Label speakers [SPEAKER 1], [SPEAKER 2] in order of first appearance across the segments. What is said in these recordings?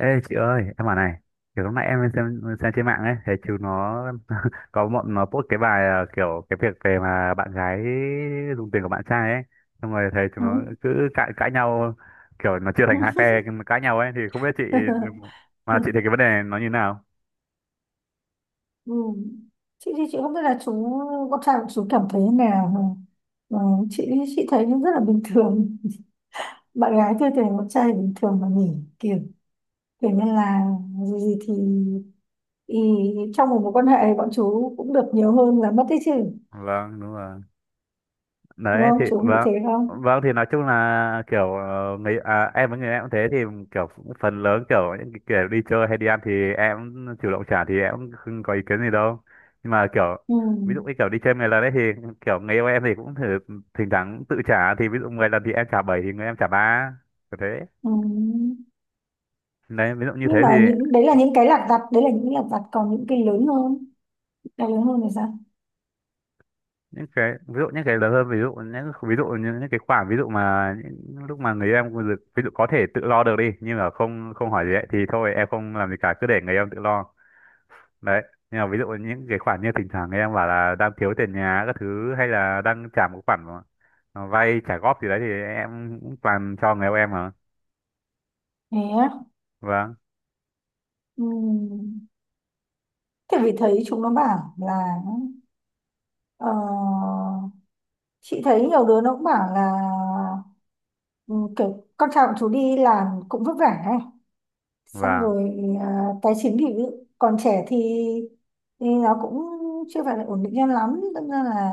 [SPEAKER 1] Ê chị ơi, em bảo này, kiểu lúc nãy em xem trên mạng ấy, thấy chú nó có bọn nó post cái bài kiểu cái việc về mà bạn gái dùng tiền của bạn trai ấy, xong rồi thấy chúng
[SPEAKER 2] Ừ.
[SPEAKER 1] nó cứ cãi cãi nhau, kiểu nó chia thành hai phe nhưng mà cãi nhau ấy, thì không biết chị mà chị thấy
[SPEAKER 2] Ừ.
[SPEAKER 1] cái vấn đề này nó như nào?
[SPEAKER 2] Ừ. Chị thì chị không biết là con trai của chú cảm thấy thế nào mà chị chị thấy nó rất là bình thường. Bạn gái tôi thấy con trai bình thường mà nhỉ. Kiểu kiểu như là gì gì thì, thì trong một mối quan hệ bọn chú cũng được nhiều hơn là mất đấy chứ.
[SPEAKER 1] Vâng, đúng rồi.
[SPEAKER 2] Đúng
[SPEAKER 1] Đấy
[SPEAKER 2] không,
[SPEAKER 1] thì
[SPEAKER 2] chú nghĩ
[SPEAKER 1] vâng,
[SPEAKER 2] thế không?
[SPEAKER 1] vâng, thì nói chung là kiểu em với người em cũng thế thì kiểu phần lớn kiểu những cái kiểu đi chơi hay đi ăn thì em cũng chủ động trả thì em cũng không có ý kiến gì đâu, nhưng mà kiểu
[SPEAKER 2] Ừ.
[SPEAKER 1] ví dụ như kiểu đi chơi 10 lần đấy thì kiểu người yêu em thì cũng thử thỉnh thoảng tự trả, thì ví dụ 10 lần thì em trả 7 thì người em trả ba, kiểu thế.
[SPEAKER 2] Ừ.
[SPEAKER 1] Đấy ví dụ như thế
[SPEAKER 2] Nhưng
[SPEAKER 1] thì
[SPEAKER 2] mà những đấy là những cái lặt vặt, đấy là những lặt vặt, còn những cái lớn hơn thì sao?
[SPEAKER 1] những cái ví dụ những cái lớn hơn, ví dụ những ví dụ như những cái khoản ví dụ mà những lúc mà người em ví dụ có thể tự lo được đi nhưng mà không không hỏi gì ấy, thì thôi em không làm gì cả, cứ để người em tự lo. Đấy, nhưng mà ví dụ những cái khoản như thỉnh thoảng người em bảo là đang thiếu tiền nhà các thứ hay là đang trả một khoản mà vay trả góp gì đấy thì em cũng toàn cho người yêu em mà.
[SPEAKER 2] Thế á?
[SPEAKER 1] Vâng.
[SPEAKER 2] Ừ. Thế vì thấy chúng nó bảo là, ờ, chị thấy nhiều đứa nó cũng bảo là, ừ, kiểu con trai của chú đi làm cũng vất vả ấy. Xong
[SPEAKER 1] Và
[SPEAKER 2] rồi, ờ, tài chính thì còn trẻ thì, nó cũng chưa phải là ổn định cho lắm. Đâm ra là,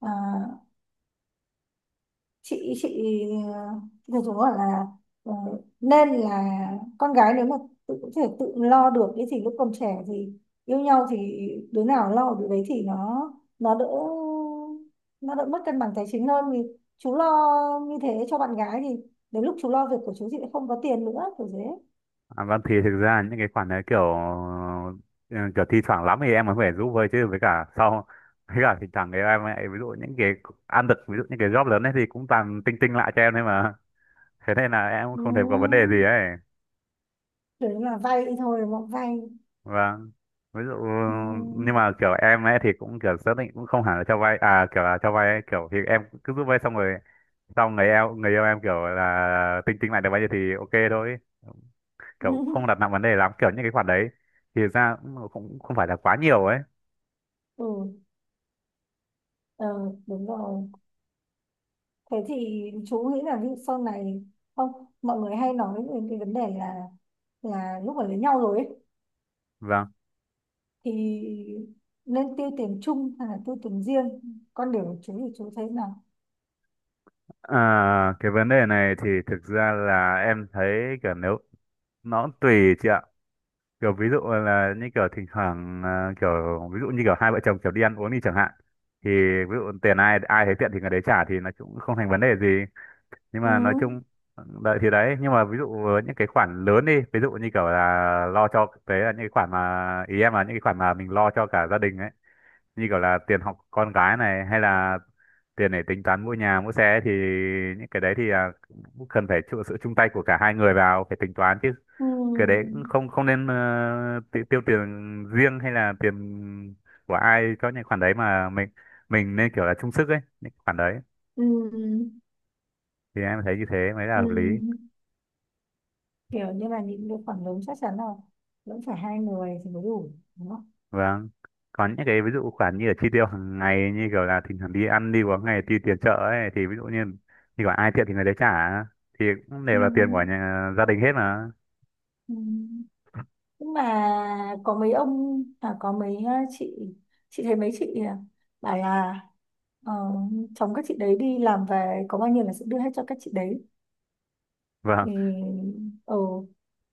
[SPEAKER 2] à, chị dù dù gọi là, ờ, nên là con gái nếu mà tự có thể tự lo được cái gì lúc còn trẻ thì, yêu nhau thì đứa nào lo được đấy thì nó đỡ nó đỡ mất cân bằng tài chính hơn, vì chú lo như thế cho bạn gái thì đến lúc chú lo việc của chú, chị lại không có tiền, nữa kiểu thế.
[SPEAKER 1] à, vâng, thì thực ra những cái khoản đấy kiểu ừ, kiểu thi thoảng lắm thì em mới phải giúp vơi chứ, với cả sau với cả thỉnh thoảng thì em lại ví dụ những cái ăn được, ví dụ những cái job lớn ấy thì cũng toàn tinh tinh lại cho em đấy mà. Thế nên là em cũng không thể có vấn đề
[SPEAKER 2] Ừ.
[SPEAKER 1] gì ấy.
[SPEAKER 2] Đấy là vay thôi, mộng vay.
[SPEAKER 1] Vâng, ví dụ
[SPEAKER 2] Ừ.
[SPEAKER 1] nhưng mà kiểu em ấy thì cũng kiểu xác định cũng không hẳn là cho vay à, kiểu là cho vay ấy, kiểu thì em cứ giúp vay xong rồi xong người yêu em kiểu là tinh tinh lại được bao nhiêu thì ok thôi, kiểu không đặt nặng vấn đề lắm kiểu những cái khoản đấy, thì ra cũng cũng không phải là quá nhiều ấy.
[SPEAKER 2] Ừ. Ờ, đúng rồi. Thế thì chú nghĩ là ví dụ sau này, không, mọi người hay nói về cái vấn đề là, lúc mà lấy nhau rồi ấy,
[SPEAKER 1] Vâng.
[SPEAKER 2] thì nên tiêu tiền chung hay là tiêu tiền riêng, con điều của chú thì chú thấy nào?
[SPEAKER 1] Ờ, cái vấn đề này thì thực ra là em thấy kiểu nếu nó cũng tùy chị ạ, kiểu ví dụ là như kiểu thỉnh thoảng kiểu ví dụ như kiểu hai vợ chồng kiểu đi ăn uống đi chẳng hạn, thì ví dụ tiền ai ai thấy tiện thì người đấy trả thì nó cũng không thành vấn đề gì. Nhưng
[SPEAKER 2] Ừ,
[SPEAKER 1] mà nói chung đấy thì đấy, nhưng mà ví dụ với những cái khoản lớn đi, ví dụ như kiểu là lo cho đấy, là những cái khoản mà ý em là những cái khoản mà mình lo cho cả gia đình ấy, như kiểu là tiền học con gái này, hay là tiền để tính toán mua nhà mua xe ấy, thì những cái đấy thì cũng cần phải chịu sự chung tay của cả hai người vào phải tính toán chứ.
[SPEAKER 2] ừ,
[SPEAKER 1] Cái đấy cũng không không nên tiêu tiền riêng hay là tiền của ai cho những khoản đấy mà mình nên kiểu là chung sức ấy, những khoản đấy
[SPEAKER 2] ừ,
[SPEAKER 1] thì em thấy như thế mới là
[SPEAKER 2] ừ.
[SPEAKER 1] hợp lý.
[SPEAKER 2] Kiểu như là những cái khoản lớn chắc chắn là vẫn phải hai người thì mới đủ, đúng không?
[SPEAKER 1] Vâng. Có những cái ví dụ khoản như là chi tiêu hàng ngày, như kiểu là thỉnh thoảng đi ăn đi uống hay tiêu tiền chợ ấy, thì ví dụ như như gọi ai thiện thì người đấy trả thì cũng
[SPEAKER 2] Ừ,
[SPEAKER 1] đều là tiền của nhà, gia đình hết mà.
[SPEAKER 2] ừ. Nhưng mà có có chị chị thấy mấy chị bảo là, ờ, chồng các chị đấy đi làm về có bao nhiêu là sẽ đưa hết cho các chị đấy, thì
[SPEAKER 1] Vâng,
[SPEAKER 2] ừ.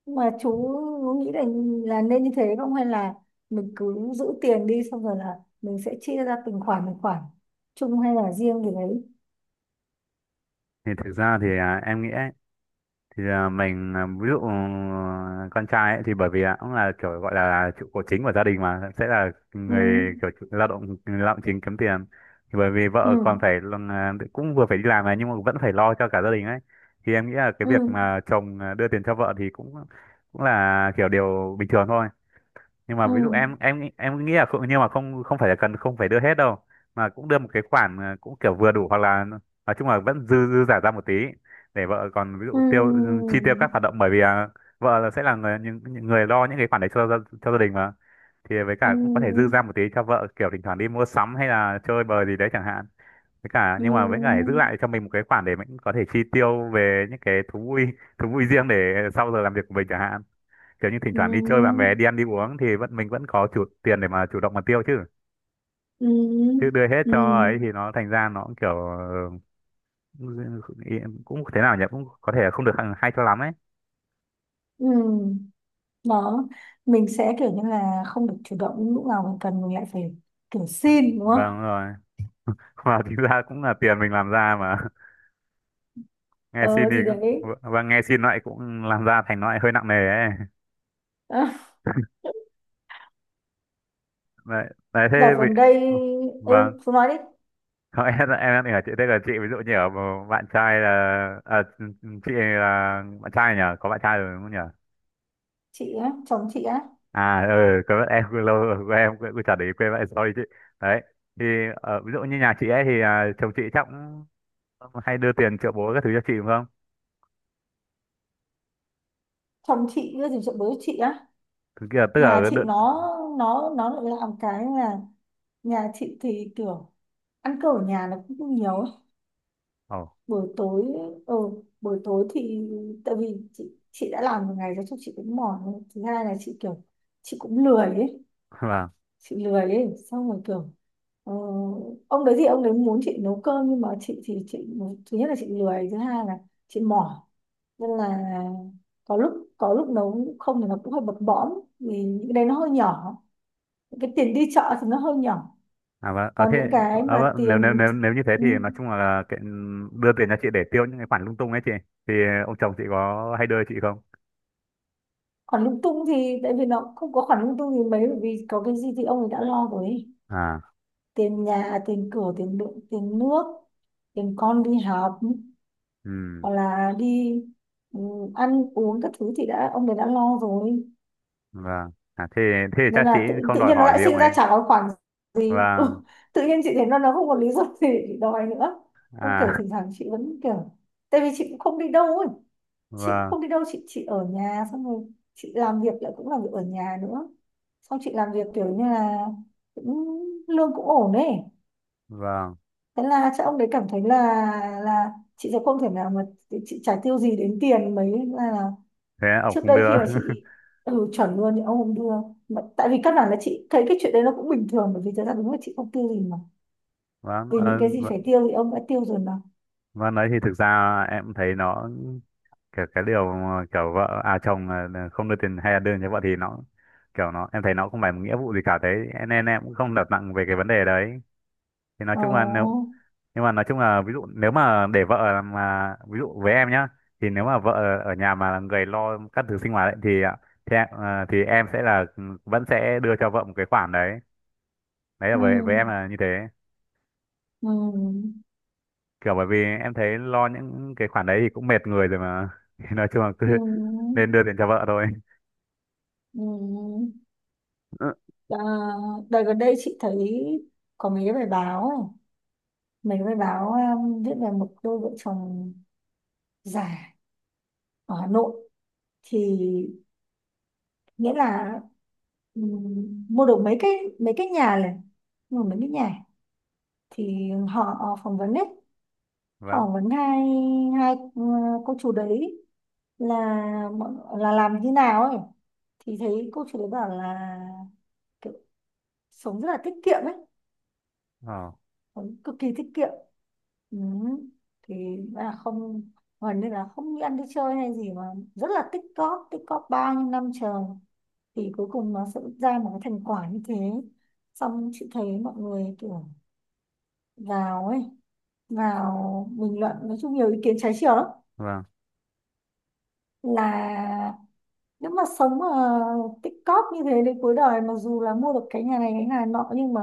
[SPEAKER 2] Nhưng mà chú nghĩ là nên như thế không, hay là mình cứ giữ tiền đi xong rồi là mình sẽ chia ra từng khoản từng khoản, chung hay là riêng gì đấy?
[SPEAKER 1] thì thực ra thì em nghĩ thì ví dụ con trai ấy, thì bởi vì cũng là kiểu gọi là trụ cột chính của gia đình, mà sẽ là
[SPEAKER 2] Ừ,
[SPEAKER 1] người kiểu lao động chính kiếm tiền. Thì bởi vì
[SPEAKER 2] ừ,
[SPEAKER 1] vợ còn phải cũng vừa phải đi làm này nhưng mà vẫn phải lo cho cả gia đình ấy, thì em nghĩ là cái
[SPEAKER 2] ừ,
[SPEAKER 1] việc mà chồng đưa tiền cho vợ thì cũng cũng là kiểu điều bình thường thôi. Nhưng mà
[SPEAKER 2] ừ,
[SPEAKER 1] ví dụ em nghĩ là không, nhưng mà không không phải là cần, không phải đưa hết đâu, mà cũng đưa một cái khoản cũng kiểu vừa đủ, hoặc là nói chung là vẫn dư dư giả ra một tí để vợ còn ví dụ tiêu
[SPEAKER 2] ừ,
[SPEAKER 1] chi tiêu các hoạt động, bởi vì vợ là sẽ là người những người lo những cái khoản đấy cho cho gia đình mà. Thì với cả cũng có thể dư
[SPEAKER 2] ừ,
[SPEAKER 1] ra một tí cho vợ kiểu thỉnh thoảng đi mua sắm hay là chơi bời gì đấy chẳng hạn, với cả
[SPEAKER 2] ừ,
[SPEAKER 1] nhưng mà với cả giữ lại cho mình một cái khoản để mình có thể chi tiêu về những cái thú vui riêng để sau giờ làm việc của mình chẳng hạn, kiểu như thỉnh
[SPEAKER 2] ừ,
[SPEAKER 1] thoảng đi chơi bạn bè
[SPEAKER 2] ừ,
[SPEAKER 1] đi ăn đi uống thì vẫn mình vẫn có chủ tiền để mà chủ động mà tiêu chứ
[SPEAKER 2] ừ,
[SPEAKER 1] chứ đưa hết
[SPEAKER 2] ừ,
[SPEAKER 1] cho ấy thì nó thành ra nó cũng kiểu ừ, cũng thế nào nhỉ, cũng có thể không được hay cho lắm ấy.
[SPEAKER 2] ừ. Đó, mình sẽ kiểu như là không được chủ động, lúc nào mình cần mình lại phải kiểu xin, đúng
[SPEAKER 1] Vâng
[SPEAKER 2] không?
[SPEAKER 1] rồi. Mà chính ra cũng là tiền mình làm ra mà. Nghe xin
[SPEAKER 2] Ờ
[SPEAKER 1] thì
[SPEAKER 2] thì đấy.
[SPEAKER 1] cũng, và nghe xin lại cũng làm ra, thành nó lại hơi nặng nề ấy. Đấy, đấy thế
[SPEAKER 2] Đợt
[SPEAKER 1] bị
[SPEAKER 2] gần đây.
[SPEAKER 1] vâng.
[SPEAKER 2] Ừ, chú nói đi.
[SPEAKER 1] Không, em đang ở chị, thế là chị ví dụ như ở bạn trai là à, chị là bạn trai nhỉ, có bạn trai rồi đúng không nhỉ?
[SPEAKER 2] Chị á? Chồng chị á?
[SPEAKER 1] À ừ, quên mất, em quên lâu rồi, quên em quên, quên trả để ý quên vậy, sorry chị. Đấy. Thì ví dụ như nhà chị ấy thì chồng chị chắc cũng hay đưa tiền triệu bố các thứ cho chị đúng không?
[SPEAKER 2] Chồng chị cái gì? Chuyện bố chị á?
[SPEAKER 1] Thực kia tức
[SPEAKER 2] Nhà
[SPEAKER 1] là đợt
[SPEAKER 2] chị nó lại làm cái là, nhà chị thì kiểu ăn cơm ở nhà nó cũng nhiều,
[SPEAKER 1] ồ,
[SPEAKER 2] buổi tối, ừ, buổi tối thì tại vì chị đã làm một ngày rồi chắc chị cũng mỏi rồi. Thứ hai là chị kiểu, chị cũng lười ấy,
[SPEAKER 1] vâng.
[SPEAKER 2] chị lười ấy, xong rồi kiểu, ờ, ông đấy thì ông đấy muốn chị nấu cơm, nhưng mà chị thì chị, thứ nhất là chị lười, thứ hai là chị mỏi, nên là có lúc, nấu cũng không thì nó cũng hơi bập bõm vì những cái đấy nó hơi nhỏ, những cái tiền đi chợ thì nó hơi nhỏ.
[SPEAKER 1] À vâng, à,
[SPEAKER 2] Còn
[SPEAKER 1] thế
[SPEAKER 2] những cái
[SPEAKER 1] à,
[SPEAKER 2] mà
[SPEAKER 1] vâng. Nếu, nếu
[SPEAKER 2] tiền,
[SPEAKER 1] nếu nếu như thế
[SPEAKER 2] ừ,
[SPEAKER 1] thì nói chung là cái, đưa tiền cho chị để tiêu những cái khoản lung tung ấy chị. Thì ông chồng chị có hay đưa chị không?
[SPEAKER 2] khoản lung tung thì tại vì nó không có khoản lung tung gì mấy, bởi vì có cái gì thì ông ấy đã lo rồi ấy.
[SPEAKER 1] À,
[SPEAKER 2] Tiền nhà, tiền cửa, tiền điện, tiền nước, tiền con đi học,
[SPEAKER 1] ừ,
[SPEAKER 2] hoặc là đi, ừ, ăn uống các thứ thì ông ấy đã lo rồi.
[SPEAKER 1] vâng. À, thế thế thì
[SPEAKER 2] Nên
[SPEAKER 1] chắc chị
[SPEAKER 2] là
[SPEAKER 1] không
[SPEAKER 2] tự
[SPEAKER 1] đòi
[SPEAKER 2] nhiên nó
[SPEAKER 1] hỏi
[SPEAKER 2] lại
[SPEAKER 1] gì ông
[SPEAKER 2] sinh
[SPEAKER 1] ấy.
[SPEAKER 2] ra chả có khoản gì.
[SPEAKER 1] Vâng.
[SPEAKER 2] Ừ, Tự nhiên chị thấy nó không có lý do gì để đòi nữa. Không, kiểu
[SPEAKER 1] À,
[SPEAKER 2] thỉnh thoảng chị vẫn kiểu, tại vì chị cũng không đi đâu ấy, chị cũng
[SPEAKER 1] vâng,
[SPEAKER 2] không đi đâu, chị ở nhà xong rồi chị làm việc, lại cũng làm việc ở nhà nữa, xong chị làm việc kiểu như là cũng lương cũng ổn ấy.
[SPEAKER 1] vâng.
[SPEAKER 2] Thế là chắc ông đấy cảm thấy là chị sẽ không thể nào mà, chị chả tiêu gì đến tiền mấy, là
[SPEAKER 1] Thế ông
[SPEAKER 2] trước
[SPEAKER 1] cũng
[SPEAKER 2] đây
[SPEAKER 1] đưa.
[SPEAKER 2] khi mà chị, chuẩn luôn thì ông không đưa, mà tại vì căn bản là chị thấy cái chuyện đấy nó cũng bình thường, bởi vì thật ra đúng là chị không tiêu gì mà,
[SPEAKER 1] Vâng.
[SPEAKER 2] vì những
[SPEAKER 1] Ờ,
[SPEAKER 2] cái gì phải tiêu thì ông đã tiêu rồi mà.
[SPEAKER 1] Vâng, đấy thì thực ra em thấy nó kiểu cái điều mà kiểu vợ chồng là không đưa tiền hay là đưa cho vợ thì nó kiểu nó em thấy nó không phải một nghĩa vụ gì cả thế, nên em cũng không đặt nặng về cái vấn đề đấy, thì nói chung là nếu,
[SPEAKER 2] Ồ.
[SPEAKER 1] nhưng mà nói chung là ví dụ nếu mà để vợ mà ví dụ với em nhá, thì nếu mà vợ ở nhà mà là người lo các thứ sinh hoạt ấy, thì ạ, thì, thì em sẽ là vẫn sẽ đưa cho vợ một cái khoản đấy, đấy là
[SPEAKER 2] Ừ.
[SPEAKER 1] với em là như thế,
[SPEAKER 2] Ừ.
[SPEAKER 1] kiểu bởi vì em thấy lo những cái khoản đấy thì cũng mệt người rồi mà. Thì nói chung là cứ
[SPEAKER 2] Ừ.
[SPEAKER 1] nên đưa tiền cho vợ thôi.
[SPEAKER 2] Ừ. Ừ. Ờ, đợt gần đây chị thấy có mấy cái bài báo ấy. Mấy cái bài báo, viết về một đôi vợ chồng già ở Hà Nội, thì nghĩa là, mua được mấy cái, nhà này, mua mấy cái nhà, thì họ phỏng vấn đấy, họ
[SPEAKER 1] Vâng,
[SPEAKER 2] phỏng vấn hai hai, cô chú đấy là là làm như nào ấy, thì thấy cô chú đấy bảo là kiểu sống rất là tiết kiệm ấy.
[SPEAKER 1] ờ
[SPEAKER 2] Huấn cực kỳ tiết kiệm. Ừ. Thì là không, Huấn nên là không đi ăn đi chơi hay gì mà rất là tích cóp, tích cóp bao nhiêu năm trời thì cuối cùng nó sẽ ra một cái thành quả như thế. Xong chị thấy mọi người kiểu vào ấy, vào bình luận, nói chung nhiều ý kiến trái chiều lắm.
[SPEAKER 1] vâng,
[SPEAKER 2] Là nếu mà sống mà tích cóp như thế đến cuối đời, mặc dù là mua được cái nhà này cái nhà nọ, nhưng mà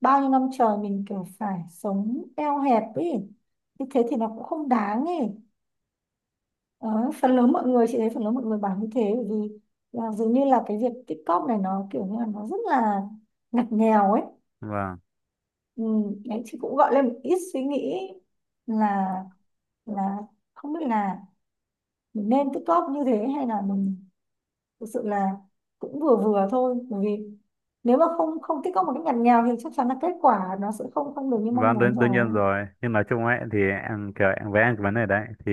[SPEAKER 2] bao nhiêu năm trời mình kiểu phải sống eo hẹp ấy, như thế thì nó cũng không đáng ấy. Đó, phần lớn mọi người, chị thấy phần lớn mọi người bảo như thế, bởi vì là dường như là cái việc tích cóp này nó kiểu như là nó rất là ngặt nghèo ấy.
[SPEAKER 1] vâng,
[SPEAKER 2] Ừ, đấy chị cũng gọi lên một ít suy nghĩ là là không biết là mình nên tích cóp như thế hay là mình thực sự là cũng vừa vừa thôi, bởi vì nếu mà không không tích góp một cách ngặt nghèo thì chắc chắn là kết quả nó sẽ không không được như mong
[SPEAKER 1] vâng,
[SPEAKER 2] muốn
[SPEAKER 1] đương
[SPEAKER 2] rồi.
[SPEAKER 1] nhiên rồi, nhưng nói chung ấy thì em kiểu em với em cái vấn đề đấy thì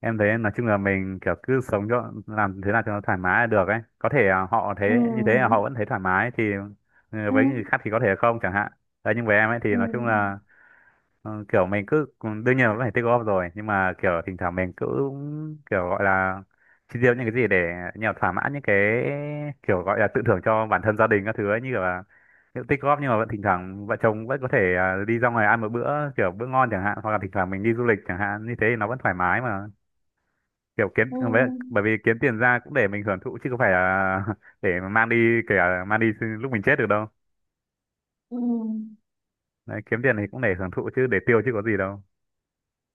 [SPEAKER 1] em thấy nói chung là mình kiểu cứ sống cho làm thế nào cho nó thoải mái là được ấy, có thể họ thế như thế là họ
[SPEAKER 2] Ừ,
[SPEAKER 1] vẫn thấy thoải mái thì ừ,
[SPEAKER 2] ừ,
[SPEAKER 1] với người khác thì có thể không chẳng hạn. Đấy nhưng với em ấy thì
[SPEAKER 2] ừ,
[SPEAKER 1] nói chung là kiểu mình cứ đương nhiên là vẫn phải tích góp rồi, nhưng mà kiểu thỉnh thoảng mình cứ kiểu gọi là chi tiêu những cái gì để như thỏa mãn những cái kiểu gọi là tự thưởng cho bản thân gia đình các thứ ấy, như kiểu là kiểu tích góp nhưng mà vẫn thỉnh thoảng vợ chồng vẫn có thể đi ra ngoài ăn một bữa kiểu bữa ngon chẳng hạn, hoặc là thỉnh thoảng mình đi du lịch chẳng hạn, như thế thì nó vẫn thoải mái mà, kiểu kiếm
[SPEAKER 2] ừ,
[SPEAKER 1] bởi vì kiếm tiền ra cũng để mình hưởng thụ chứ không phải là để mà mang đi, kể cả mang đi lúc mình chết được đâu.
[SPEAKER 2] ừ.
[SPEAKER 1] Đấy, kiếm tiền thì cũng để hưởng thụ chứ để tiêu chứ có gì đâu,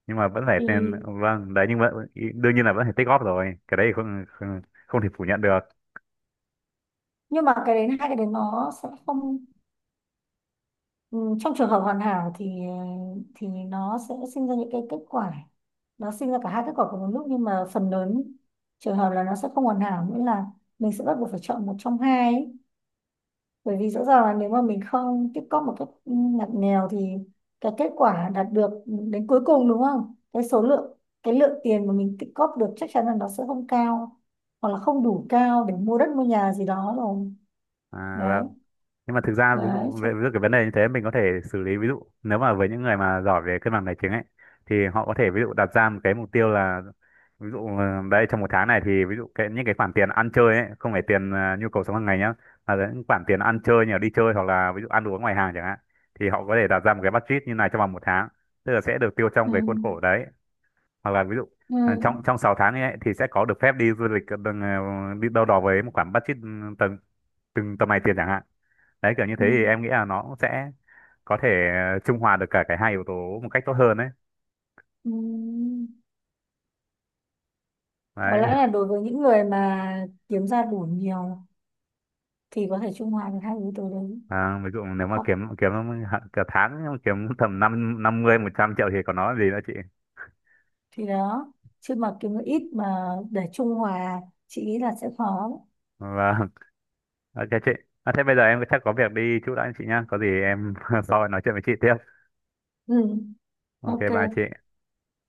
[SPEAKER 1] nhưng mà vẫn phải tên
[SPEAKER 2] Thì
[SPEAKER 1] vâng đấy, nhưng mà đương nhiên là vẫn phải tích góp rồi, cái đấy thì không không, không thể phủ nhận được.
[SPEAKER 2] nhưng mà cái đến, hai cái đến nó sẽ không, ừ, trong trường hợp hoàn hảo thì, thì nó sẽ sinh ra những cái kết quả, nó sinh ra cả hai kết quả cùng một lúc. Nhưng mà phần lớn trường hợp là nó sẽ không hoàn hảo, nghĩa là mình sẽ bắt buộc phải chọn một trong hai ấy. Bởi vì rõ ràng là nếu mà mình không tích cóp một cách, ngặt nghèo thì cái kết quả đạt được đến cuối cùng, đúng không, cái số lượng, cái lượng tiền mà mình tích cóp được chắc chắn là nó sẽ không cao, hoặc là không đủ cao để mua đất mua nhà gì đó rồi. Đấy.
[SPEAKER 1] Vâng. Nhưng mà thực ra ví
[SPEAKER 2] đấy
[SPEAKER 1] dụ
[SPEAKER 2] chắc-
[SPEAKER 1] về ví cái vấn đề như thế mình có thể xử lý, ví dụ nếu mà với những người mà giỏi về cân bằng tài chính ấy thì họ có thể ví dụ đặt ra một cái mục tiêu là, ví dụ đấy trong một tháng này thì ví dụ cái những cái khoản tiền ăn chơi ấy, không phải tiền nhu cầu sống hàng ngày nhá, mà là những khoản tiền ăn chơi như là đi chơi hoặc là ví dụ ăn uống ngoài hàng chẳng hạn, thì họ có thể đặt ra một cái budget như này trong vòng một tháng, tức là sẽ được tiêu trong
[SPEAKER 2] ừ,
[SPEAKER 1] cái khuôn khổ đấy, hoặc là ví dụ
[SPEAKER 2] ừ,
[SPEAKER 1] trong trong 6 tháng ấy thì sẽ có được phép đi du lịch ờ, đừng, ờ, đi đâu đó với một khoản budget từng từng tầm này tiền chẳng hạn. Đấy kiểu như thế
[SPEAKER 2] ừ,
[SPEAKER 1] thì em nghĩ là nó cũng sẽ có thể trung hòa được cả cái hai yếu tố một cách tốt hơn đấy.
[SPEAKER 2] ừ. Có
[SPEAKER 1] Đấy
[SPEAKER 2] lẽ là đối với những người mà kiếm ra đủ nhiều thì có thể trung hòa được hai yếu tố đấy,
[SPEAKER 1] ví dụ nếu mà
[SPEAKER 2] hoặc,
[SPEAKER 1] kiếm kiếm hạn- cả tháng mà kiếm tầm 5, 50, 100 triệu thì còn nói gì nữa chị.
[SPEAKER 2] thì đó, chứ mà kiếm được ít mà để trung hòa chị nghĩ là sẽ khó.
[SPEAKER 1] Vâng. Ok chị, à, thế bây giờ em chắc có việc đi chút đã chị nhá, có gì em sau nói chuyện với chị tiếp.
[SPEAKER 2] Ừ.
[SPEAKER 1] Ok bye
[SPEAKER 2] OK.
[SPEAKER 1] chị.